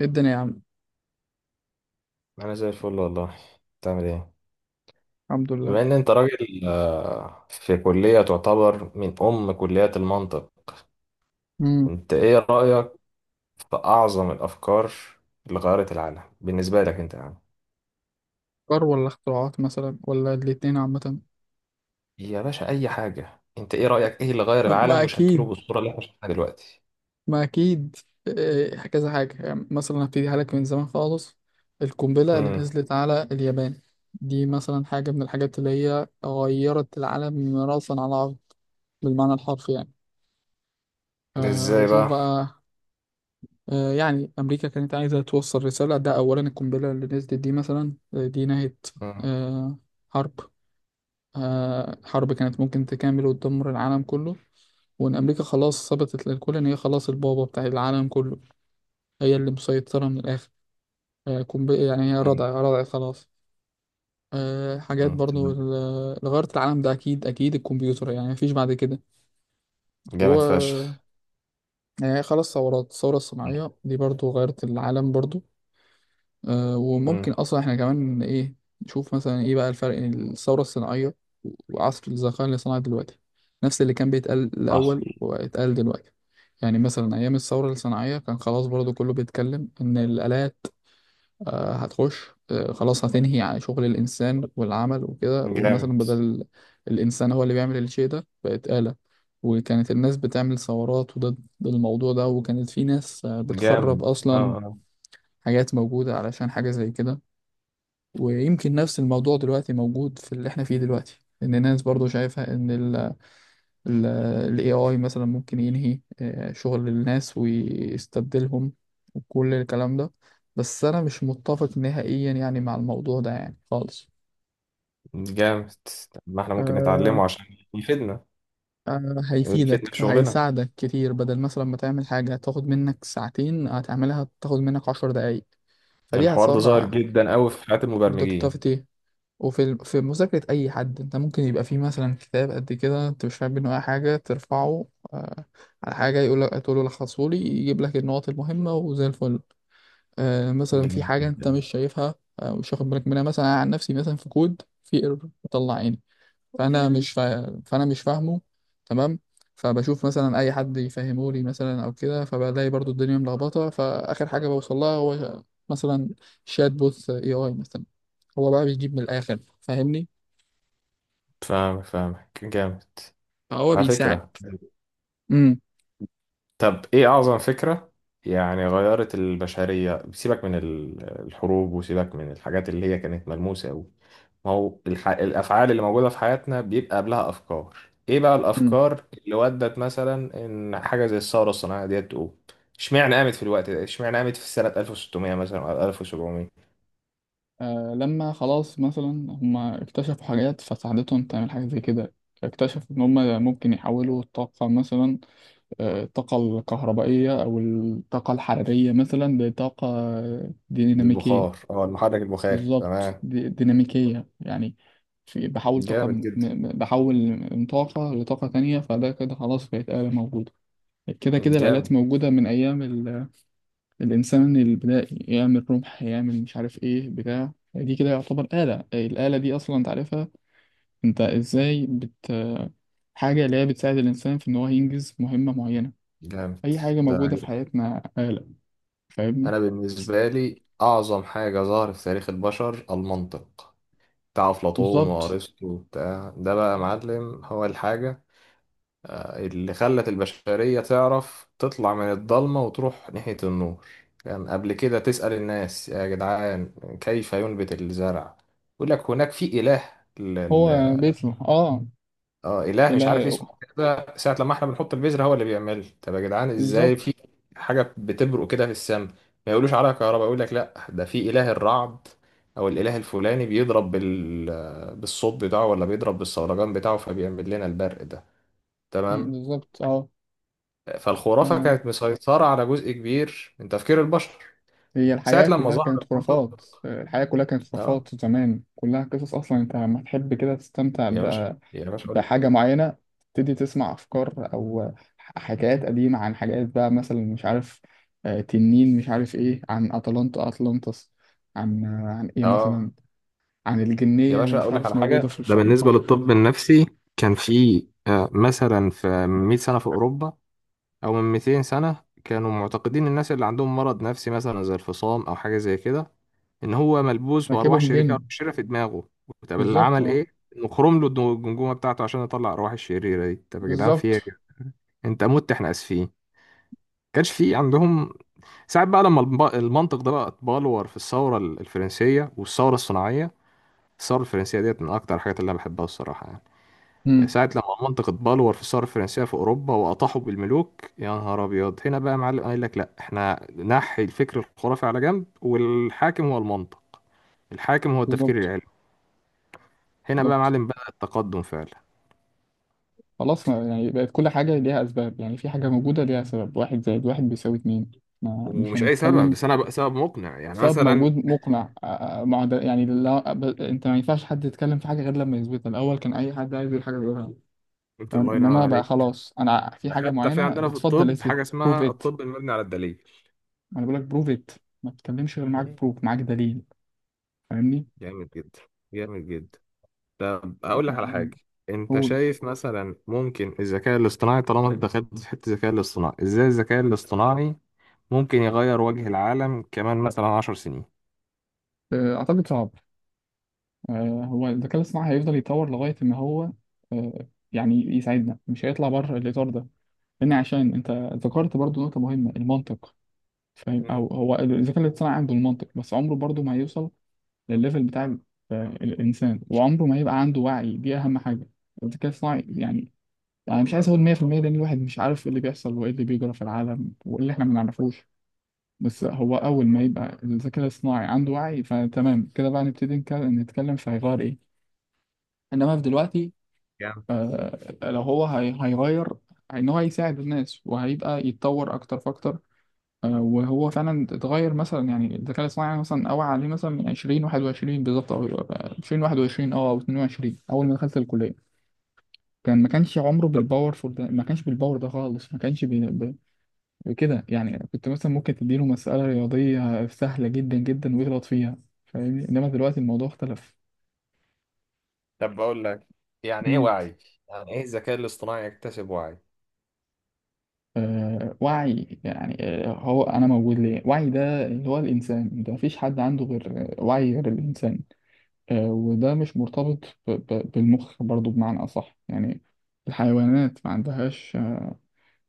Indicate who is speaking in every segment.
Speaker 1: إيه الدنيا يا عم؟
Speaker 2: انا زي الفل والله. بتعمل ايه؟
Speaker 1: الحمد لله.
Speaker 2: بما ان انت راجل في كلية تعتبر من ام كليات المنطق،
Speaker 1: امم.
Speaker 2: انت ايه رأيك في اعظم الافكار اللي غيرت العالم بالنسبة لك انت يعني؟
Speaker 1: أفكار ولا اختراعات مثلا ولا الاتنين عامة؟
Speaker 2: يا باشا اي حاجة، انت ايه رأيك، ايه اللي غير العالم
Speaker 1: ما
Speaker 2: وشكله
Speaker 1: أكيد،
Speaker 2: بالصورة اللي احنا شايفينها دلوقتي؟
Speaker 1: ما أكيد. إيه، كذا حاجة يعني مثلا هبتدي لك من زمان خالص. القنبلة اللي
Speaker 2: امم
Speaker 1: نزلت على اليابان، دي مثلا حاجة من الحاجات اللي هي غيرت العالم رأسا على عقب، بالمعنى الحرفي يعني. آه،
Speaker 2: ازاي
Speaker 1: وشوف
Speaker 2: بقى؟
Speaker 1: بقى. آه يعني أمريكا كانت عايزة توصل رسالة، ده أولا. القنبلة اللي نزلت دي مثلا، دي نهت
Speaker 2: امم
Speaker 1: آه حرب، حرب كانت ممكن تكمل وتدمر العالم كله، وإن أمريكا خلاص ثبتت للكل إن هي خلاص البابا بتاع العالم كله، هي اللي مسيطرة من الآخر. يعني هي
Speaker 2: امم
Speaker 1: رضع رضع خلاص. حاجات
Speaker 2: أمم.
Speaker 1: برضو
Speaker 2: تمام.
Speaker 1: اللي غيرت العالم ده أكيد أكيد الكمبيوتر، يعني مفيش بعد كده.
Speaker 2: جامد
Speaker 1: هو
Speaker 2: فشخ.
Speaker 1: يعني خلاص ثورات الثورة الصناعية دي برضو غيرت العالم برضو. وممكن
Speaker 2: امم
Speaker 1: اصلا احنا كمان ايه نشوف مثلا ايه بقى الفرق بين الثوره الصناعيه وعصر الذكاء الاصطناعي دلوقتي؟ نفس اللي كان بيتقال
Speaker 2: حصل.
Speaker 1: الاول واتقال دلوقتي. يعني مثلا ايام الثوره الصناعيه كان خلاص برضو كله بيتكلم ان الالات هتخش، خلاص هتنهي عن شغل الانسان والعمل وكده، ومثلا
Speaker 2: جامد.
Speaker 1: بدل الانسان هو اللي بيعمل الشيء ده بقت آلة، وكانت الناس بتعمل ثورات وضد الموضوع ده، وكانت في ناس بتخرب
Speaker 2: جامد. اه
Speaker 1: اصلا
Speaker 2: اه
Speaker 1: حاجات موجوده علشان حاجه زي كده. ويمكن نفس الموضوع دلوقتي موجود في اللي احنا فيه دلوقتي، ان الناس برضو شايفة ان ال AI مثلا ممكن ينهي شغل الناس ويستبدلهم وكل الكلام ده. بس انا مش متفق نهائيا يعني مع الموضوع ده يعني خالص.
Speaker 2: جامد. طب ما احنا ممكن
Speaker 1: آه.
Speaker 2: نتعلمه عشان يفيدنا،
Speaker 1: آه
Speaker 2: ويفيدنا في
Speaker 1: هيفيدك،
Speaker 2: شغلنا.
Speaker 1: هيساعدك كتير، بدل مثلا ما تعمل حاجة هتاخد منك ساعتين، هتعملها تاخد منك 10 دقايق، فدي
Speaker 2: الحوار ده ظاهر
Speaker 1: هتسرع
Speaker 2: جدا قوي في حياة المبرمجين.
Speaker 1: productivity. وفي في مذاكرة أي حد، أنت ممكن يبقى فيه مثلا كتاب قد كده أنت مش فاهم منه أي حاجة، ترفعه آه على حاجة، يقول لك تقول له لخصهولي، يجيب لك النقط المهمة وزي الفل. آه مثلا في
Speaker 2: جامد
Speaker 1: حاجة أنت
Speaker 2: جدا.
Speaker 1: مش شايفها، آه مش واخد بالك منها، مثلا أنا عن نفسي مثلا في كود في ايرور بيطلع عيني، فأنا مش فاهمه. تمام. فبشوف مثلا أي حد يفهمه لي مثلا أو كده، فبلاقي برضو الدنيا ملخبطة، فآخر حاجة بوصل لها هو مثلا شات بوث اي اي مثلا، هو بقى بيجيب من الآخر، فاهمني.
Speaker 2: فاهم، فاهمك. جامد
Speaker 1: فهو
Speaker 2: على
Speaker 1: بيساعد.
Speaker 2: فكرة.
Speaker 1: امم.
Speaker 2: طب ايه اعظم فكرة يعني غيرت البشرية، سيبك من الحروب وسيبك من الحاجات اللي هي كانت ملموسة قوي؟ ما هو الافعال اللي موجودة في حياتنا بيبقى قبلها افكار. ايه بقى
Speaker 1: مم.
Speaker 2: الافكار اللي ودت مثلا ان حاجة زي الثورة الصناعية ديت تقوم؟ اشمعنى قامت في الوقت ده، اشمعنى قامت في سنة 1600 مثلا او 1700؟
Speaker 1: آه لما خلاص مثلا هما اكتشفوا حاجات فساعدتهم تعمل حاجة زي كده، اكتشفوا إن هما ممكن يحولوا الطاقة مثلا، الطاقة الكهربائية أو الطاقة الحرارية مثلا لطاقة ديناميكية.
Speaker 2: البخار، المحرك البخاري،
Speaker 1: بالظبط،
Speaker 2: تمام.
Speaker 1: دي ديناميكية يعني، في بحول طاقة
Speaker 2: جامد
Speaker 1: من
Speaker 2: جدا.
Speaker 1: بحول من طاقة لطاقة تانية، فده كده خلاص بقت آلة موجودة. كده كده الآلات
Speaker 2: جامد.
Speaker 1: موجودة من أيام الإنسان اللي بدأ يعمل رمح، يعمل مش عارف إيه بتاع دي كده، يعتبر آلة. الآلة دي أصلا أنت عارفها، أنت إزاي بت حاجة اللي هي بتساعد الإنسان في إن هو ينجز مهمة معينة،
Speaker 2: جامد
Speaker 1: أي حاجة
Speaker 2: ده.
Speaker 1: موجودة في حياتنا آلة، فاهمني.
Speaker 2: انا بالنسبه لي اعظم حاجه ظهرت في تاريخ البشر المنطق، بتاع افلاطون
Speaker 1: بالظبط.
Speaker 2: وارسطو وبتاع ده بقى يا معلم، هو الحاجه اللي خلت البشريه تعرف تطلع من الضلمه وتروح ناحيه النور. كان يعني قبل كده تسال الناس يا جدعان كيف ينبت الزرع، يقول لك هناك في اله.
Speaker 1: هو بيته اه.
Speaker 2: اه اله مش عارف
Speaker 1: إله،
Speaker 2: اسمه كده ساعه لما احنا بنحط البذره هو اللي بيعمل. طب يا جدعان ازاي
Speaker 1: بالظبط.
Speaker 2: في حاجه بتبرق كده في السماء، ما يقولوش عليها كهرباء؟ يقول لك لا، ده في اله الرعد او الاله الفلاني بيضرب بالصوت بتاعه، ولا بيضرب بالصولجان بتاعه فبيعمل لنا البرق ده.
Speaker 1: مم،
Speaker 2: تمام.
Speaker 1: بالظبط اه.
Speaker 2: فالخرافه
Speaker 1: آه.
Speaker 2: كانت مسيطره على جزء كبير من تفكير البشر.
Speaker 1: هي
Speaker 2: ساعه
Speaker 1: الحياة
Speaker 2: لما
Speaker 1: كلها
Speaker 2: ظهر
Speaker 1: كانت خرافات،
Speaker 2: المنطق،
Speaker 1: الحياة كلها كانت
Speaker 2: اه،
Speaker 1: خرافات زمان، كلها قصص، أصلا أنت لما تحب كده تستمتع
Speaker 2: يا باشا، يا باشا
Speaker 1: بحاجة معينة، تبتدي تسمع أفكار أو حكايات قديمة عن حاجات بقى مثلا مش عارف، تنين مش عارف إيه، عن أتلانتا أتلانتس، عن إيه مثلا،
Speaker 2: اه
Speaker 1: عن
Speaker 2: يا
Speaker 1: الجنية اللي
Speaker 2: باشا
Speaker 1: مش
Speaker 2: اقول لك
Speaker 1: عارف
Speaker 2: على
Speaker 1: موجودة
Speaker 2: حاجه.
Speaker 1: في
Speaker 2: ده بالنسبة
Speaker 1: البحر،
Speaker 2: للطب النفسي كان في مثلا في من 100 سنة في أوروبا أو من 200 سنة كانوا معتقدين الناس اللي عندهم مرض نفسي مثلا زي الفصام أو حاجة زي كده، إن هو ملبوس بأرواح
Speaker 1: راكبهم
Speaker 2: شريرة
Speaker 1: جن.
Speaker 2: شريرة في دماغه. طب اللي
Speaker 1: بالظبط
Speaker 2: عمل
Speaker 1: أه.
Speaker 2: إيه؟ إنه خرم له الجمجمة بتاعته عشان يطلع الأرواح الشريرة دي. طب يا جدعان في إيه يا
Speaker 1: بالظبط.
Speaker 2: جدعان؟ أنت مت، إحنا آسفين. كانش في عندهم. ساعات بقى لما المنطق ده بقى اتبلور في الثورة الفرنسية والثورة الصناعية. الثورة الفرنسية ديت من أكتر الحاجات اللي أنا بحبها الصراحة يعني.
Speaker 1: امم.
Speaker 2: ساعة لما منطقة بالور في الثورة الفرنسية في أوروبا وأطاحوا بالملوك، يا نهار أبيض، هنا بقى يا معلم قال لك لأ، إحنا نحي الفكر الخرافي على جنب والحاكم هو المنطق، الحاكم هو التفكير
Speaker 1: بالظبط،
Speaker 2: العلمي. هنا بقى يا
Speaker 1: بالظبط.
Speaker 2: معلم بدأ التقدم فعلا.
Speaker 1: خلاص ما يعني بقت كل حاجة ليها أسباب، يعني في حاجة موجودة ليها سبب، واحد زائد واحد بيساوي اتنين، ما مش
Speaker 2: ومش أي سبب
Speaker 1: هنتكلم.
Speaker 2: بس، أنا بقى سبب مقنع يعني
Speaker 1: سبب
Speaker 2: مثلا.
Speaker 1: موجود مقنع، مع ده يعني، لا انت ما ينفعش حد يتكلم في حاجه غير لما يثبتها الاول، كان اي حد عايز يقول حاجه بيقولها،
Speaker 2: أنت
Speaker 1: فاهم.
Speaker 2: الله ينور
Speaker 1: انما بقى
Speaker 2: عليك.
Speaker 1: خلاص انا في
Speaker 2: ده
Speaker 1: حاجه
Speaker 2: حتى في
Speaker 1: معينه
Speaker 2: عندنا في
Speaker 1: اتفضل
Speaker 2: الطب
Speaker 1: اثبت.
Speaker 2: حاجة
Speaker 1: بروف
Speaker 2: اسمها
Speaker 1: ات.
Speaker 2: الطب المبني على الدليل.
Speaker 1: انا بقول لك بروف ات، ما تتكلمش غير معاك
Speaker 2: مم.
Speaker 1: بروف، معاك دليل، فاهمني.
Speaker 2: جامد جدا. جامد جدا. طب أقول لك على
Speaker 1: آه،
Speaker 2: حاجة، أنت
Speaker 1: قول.
Speaker 2: شايف مثلا ممكن الذكاء الاصطناعي، طالما أنت دخلت في حتة الذكاء الاصطناعي، إزاي الذكاء الاصطناعي ممكن يغير وجه العالم كمان مثلا عشر سنين؟
Speaker 1: آه، اعتقد صعب. هو الذكاء الاصطناعي هيفضل يتطور لغايه ان هو يعني يساعدنا، مش هيطلع بره الاطار ده، لان عشان انت ذكرت برضو نقطه مهمه، المنطق. فاهم،
Speaker 2: مم.
Speaker 1: او هو الذكاء الاصطناعي عنده المنطق بس عمره برضه ما هيوصل للليفل بتاع الانسان، وعمره ما يبقى عنده وعي، دي اهم حاجه، الذكاء الاصطناعي يعني. انا مش عايز اقول 100% لان الواحد مش عارف ايه اللي بيحصل وايه اللي بيجرى في العالم وايه اللي احنا ما نعرفوش، بس هو اول ما يبقى الذكاء الاصطناعي عنده وعي فتمام كده بقى نبتدي نتكلم في هيغير ايه. انما في دلوقتي
Speaker 2: يعني.
Speaker 1: لو هو هيغير ان هو هيساعد الناس، وهيبقى يتطور اكتر فاكتر. وهو فعلا اتغير مثلا يعني، الذكاء الاصطناعي مثلا اوعى عليه مثلا من 20 21 بالظبط، او 20 21 اه او 22 اول ما دخلت الكليه، كان ما كانش عمره
Speaker 2: طب،
Speaker 1: بالباورفول ده، ما كانش بالباور ده خالص، ما كانش بكده، يعني كنت مثلا ممكن تديله مساله رياضيه سهله جدا جدا ويغلط فيها، فاهمني. انما دلوقتي الموضوع اختلف.
Speaker 2: طب بقول لك، يعني ايه
Speaker 1: امم.
Speaker 2: وعي؟ يعني ايه الذكاء الاصطناعي يكتسب وعي؟
Speaker 1: آه، وعي يعني آه هو انا موجود ليه، وعي ده اللي هو الانسان، ده مفيش حد عنده غير وعي غير الانسان، وده مش مرتبط بالمخ برضو بمعنى أصح يعني، الحيوانات ما عندهاش،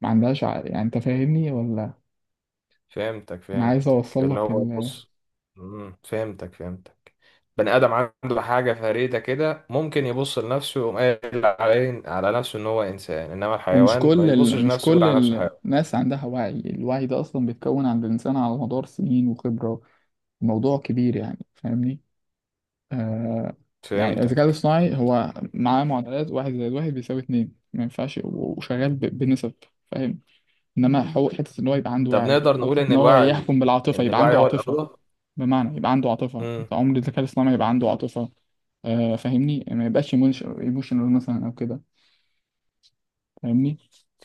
Speaker 1: ما عندهاش عقل يعني، أنت فاهمني ولا؟
Speaker 2: فهمتك
Speaker 1: أنا عايز
Speaker 2: فهمتك
Speaker 1: أوصل
Speaker 2: اللي
Speaker 1: لك
Speaker 2: هو
Speaker 1: ال...
Speaker 2: بص. فهمتك. بني ادم عنده حاجه فريده كده، ممكن يبص لنفسه ويقوم قايل على نفسه ان هو انسان، انما
Speaker 1: ومش
Speaker 2: الحيوان ما
Speaker 1: كل
Speaker 2: بيبصش
Speaker 1: ال... مش
Speaker 2: لنفسه يقول
Speaker 1: كل
Speaker 2: على نفسه حيوان.
Speaker 1: الناس عندها وعي، الوعي ده أصلا بيتكون عند الإنسان على مدار سنين وخبرة، موضوع كبير يعني، فاهمني. آه، يعني الذكاء
Speaker 2: فهمتك.
Speaker 1: الاصطناعي هو معاه معادلات واحد زائد واحد بيساوي اتنين، ما ينفعش، وشغال بنسب، فاهم. انما حته ان هو يبقى عنده
Speaker 2: طب
Speaker 1: وعي،
Speaker 2: نقدر نقول
Speaker 1: حته
Speaker 2: ان
Speaker 1: ان هو
Speaker 2: الوعي،
Speaker 1: يحكم بالعاطفه
Speaker 2: ان
Speaker 1: يبقى
Speaker 2: الوعي
Speaker 1: عنده
Speaker 2: هو
Speaker 1: عاطفه،
Speaker 2: الاغلب؟
Speaker 1: بمعنى يبقى عنده عاطفة،
Speaker 2: امم.
Speaker 1: انت عمر الذكاء الاصطناعي يبقى عنده عاطفة. آه، فاهمني، ما يبقاش ايموشنال مثلا او كده، فاهمني.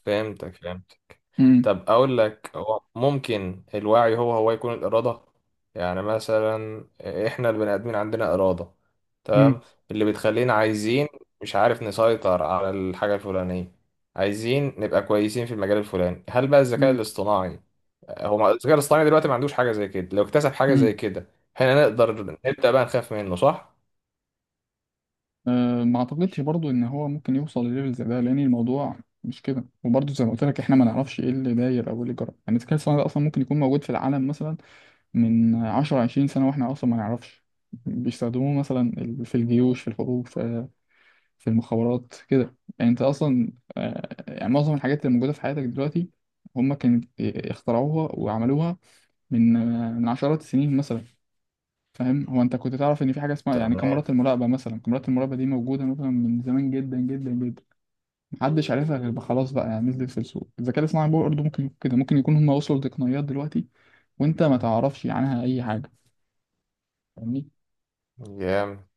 Speaker 2: فهمتك.
Speaker 1: امم.
Speaker 2: طب اقول لك، هو ممكن الوعي هو يكون الاراده؟ يعني مثلا احنا البني ادمين عندنا اراده،
Speaker 1: امم.
Speaker 2: تمام، اللي بتخلينا عايزين، مش عارف، نسيطر على الحاجه الفلانيه، عايزين نبقى كويسين في المجال الفلاني. هل بقى الذكاء
Speaker 1: امم.
Speaker 2: الاصطناعي هو ما- الذكاء الاصطناعي دلوقتي ما عندوش حاجه زي كده، لو اكتسب حاجه زي
Speaker 1: امم.
Speaker 2: كده احنا نقدر نبدا بقى نخاف منه، صح؟
Speaker 1: آه، ما اعتقدش برضو ان هو ممكن يوصل لليفل زي ده، لان الموضوع مش كده، وبرضو زي ما قلت لك احنا ما نعرفش ايه اللي داير او ايه اللي جرى، يعني الذكاء الاصطناعي ده اصلا ممكن يكون موجود في العالم مثلا من 10 20 سنة واحنا اصلا ما نعرفش، بيستخدموه مثلا في الجيوش في الحروب في المخابرات كده يعني، انت اصلا يعني معظم الحاجات اللي موجوده في حياتك دلوقتي هم كانت اخترعوها وعملوها من من عشرات السنين مثلا، فاهم. هو انت كنت تعرف ان في حاجه اسمها يعني
Speaker 2: تمام.
Speaker 1: كاميرات المراقبه، مثلا كاميرات المراقبه دي موجوده مثلا من زمان جدا جدا جدا، محدش عارفها، غير بقى خلاص بقى يعني نزلت في السوق، الذكاء الاصطناعي برضه ممكن يكون كده، ممكن يكون هم وصلوا لتقنيات دلوقتي وانت ما تعرفش عنها اي حاجه، فاهمني.
Speaker 2: جامد.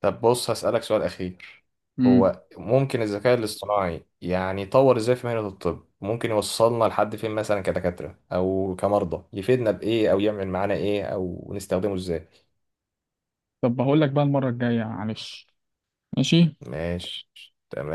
Speaker 2: طب بص هسألك سؤال أخير،
Speaker 1: امم.
Speaker 2: هو ممكن الذكاء الاصطناعي يعني يطور ازاي في مهنة الطب؟ ممكن يوصلنا لحد فين مثلا كدكاترة أو كمرضى؟ يفيدنا بإيه أو يعمل معانا إيه أو نستخدمه ازاي؟
Speaker 1: طب هقول لك بقى المره الجايه معلش. ماشي.
Speaker 2: ماشي. تمام.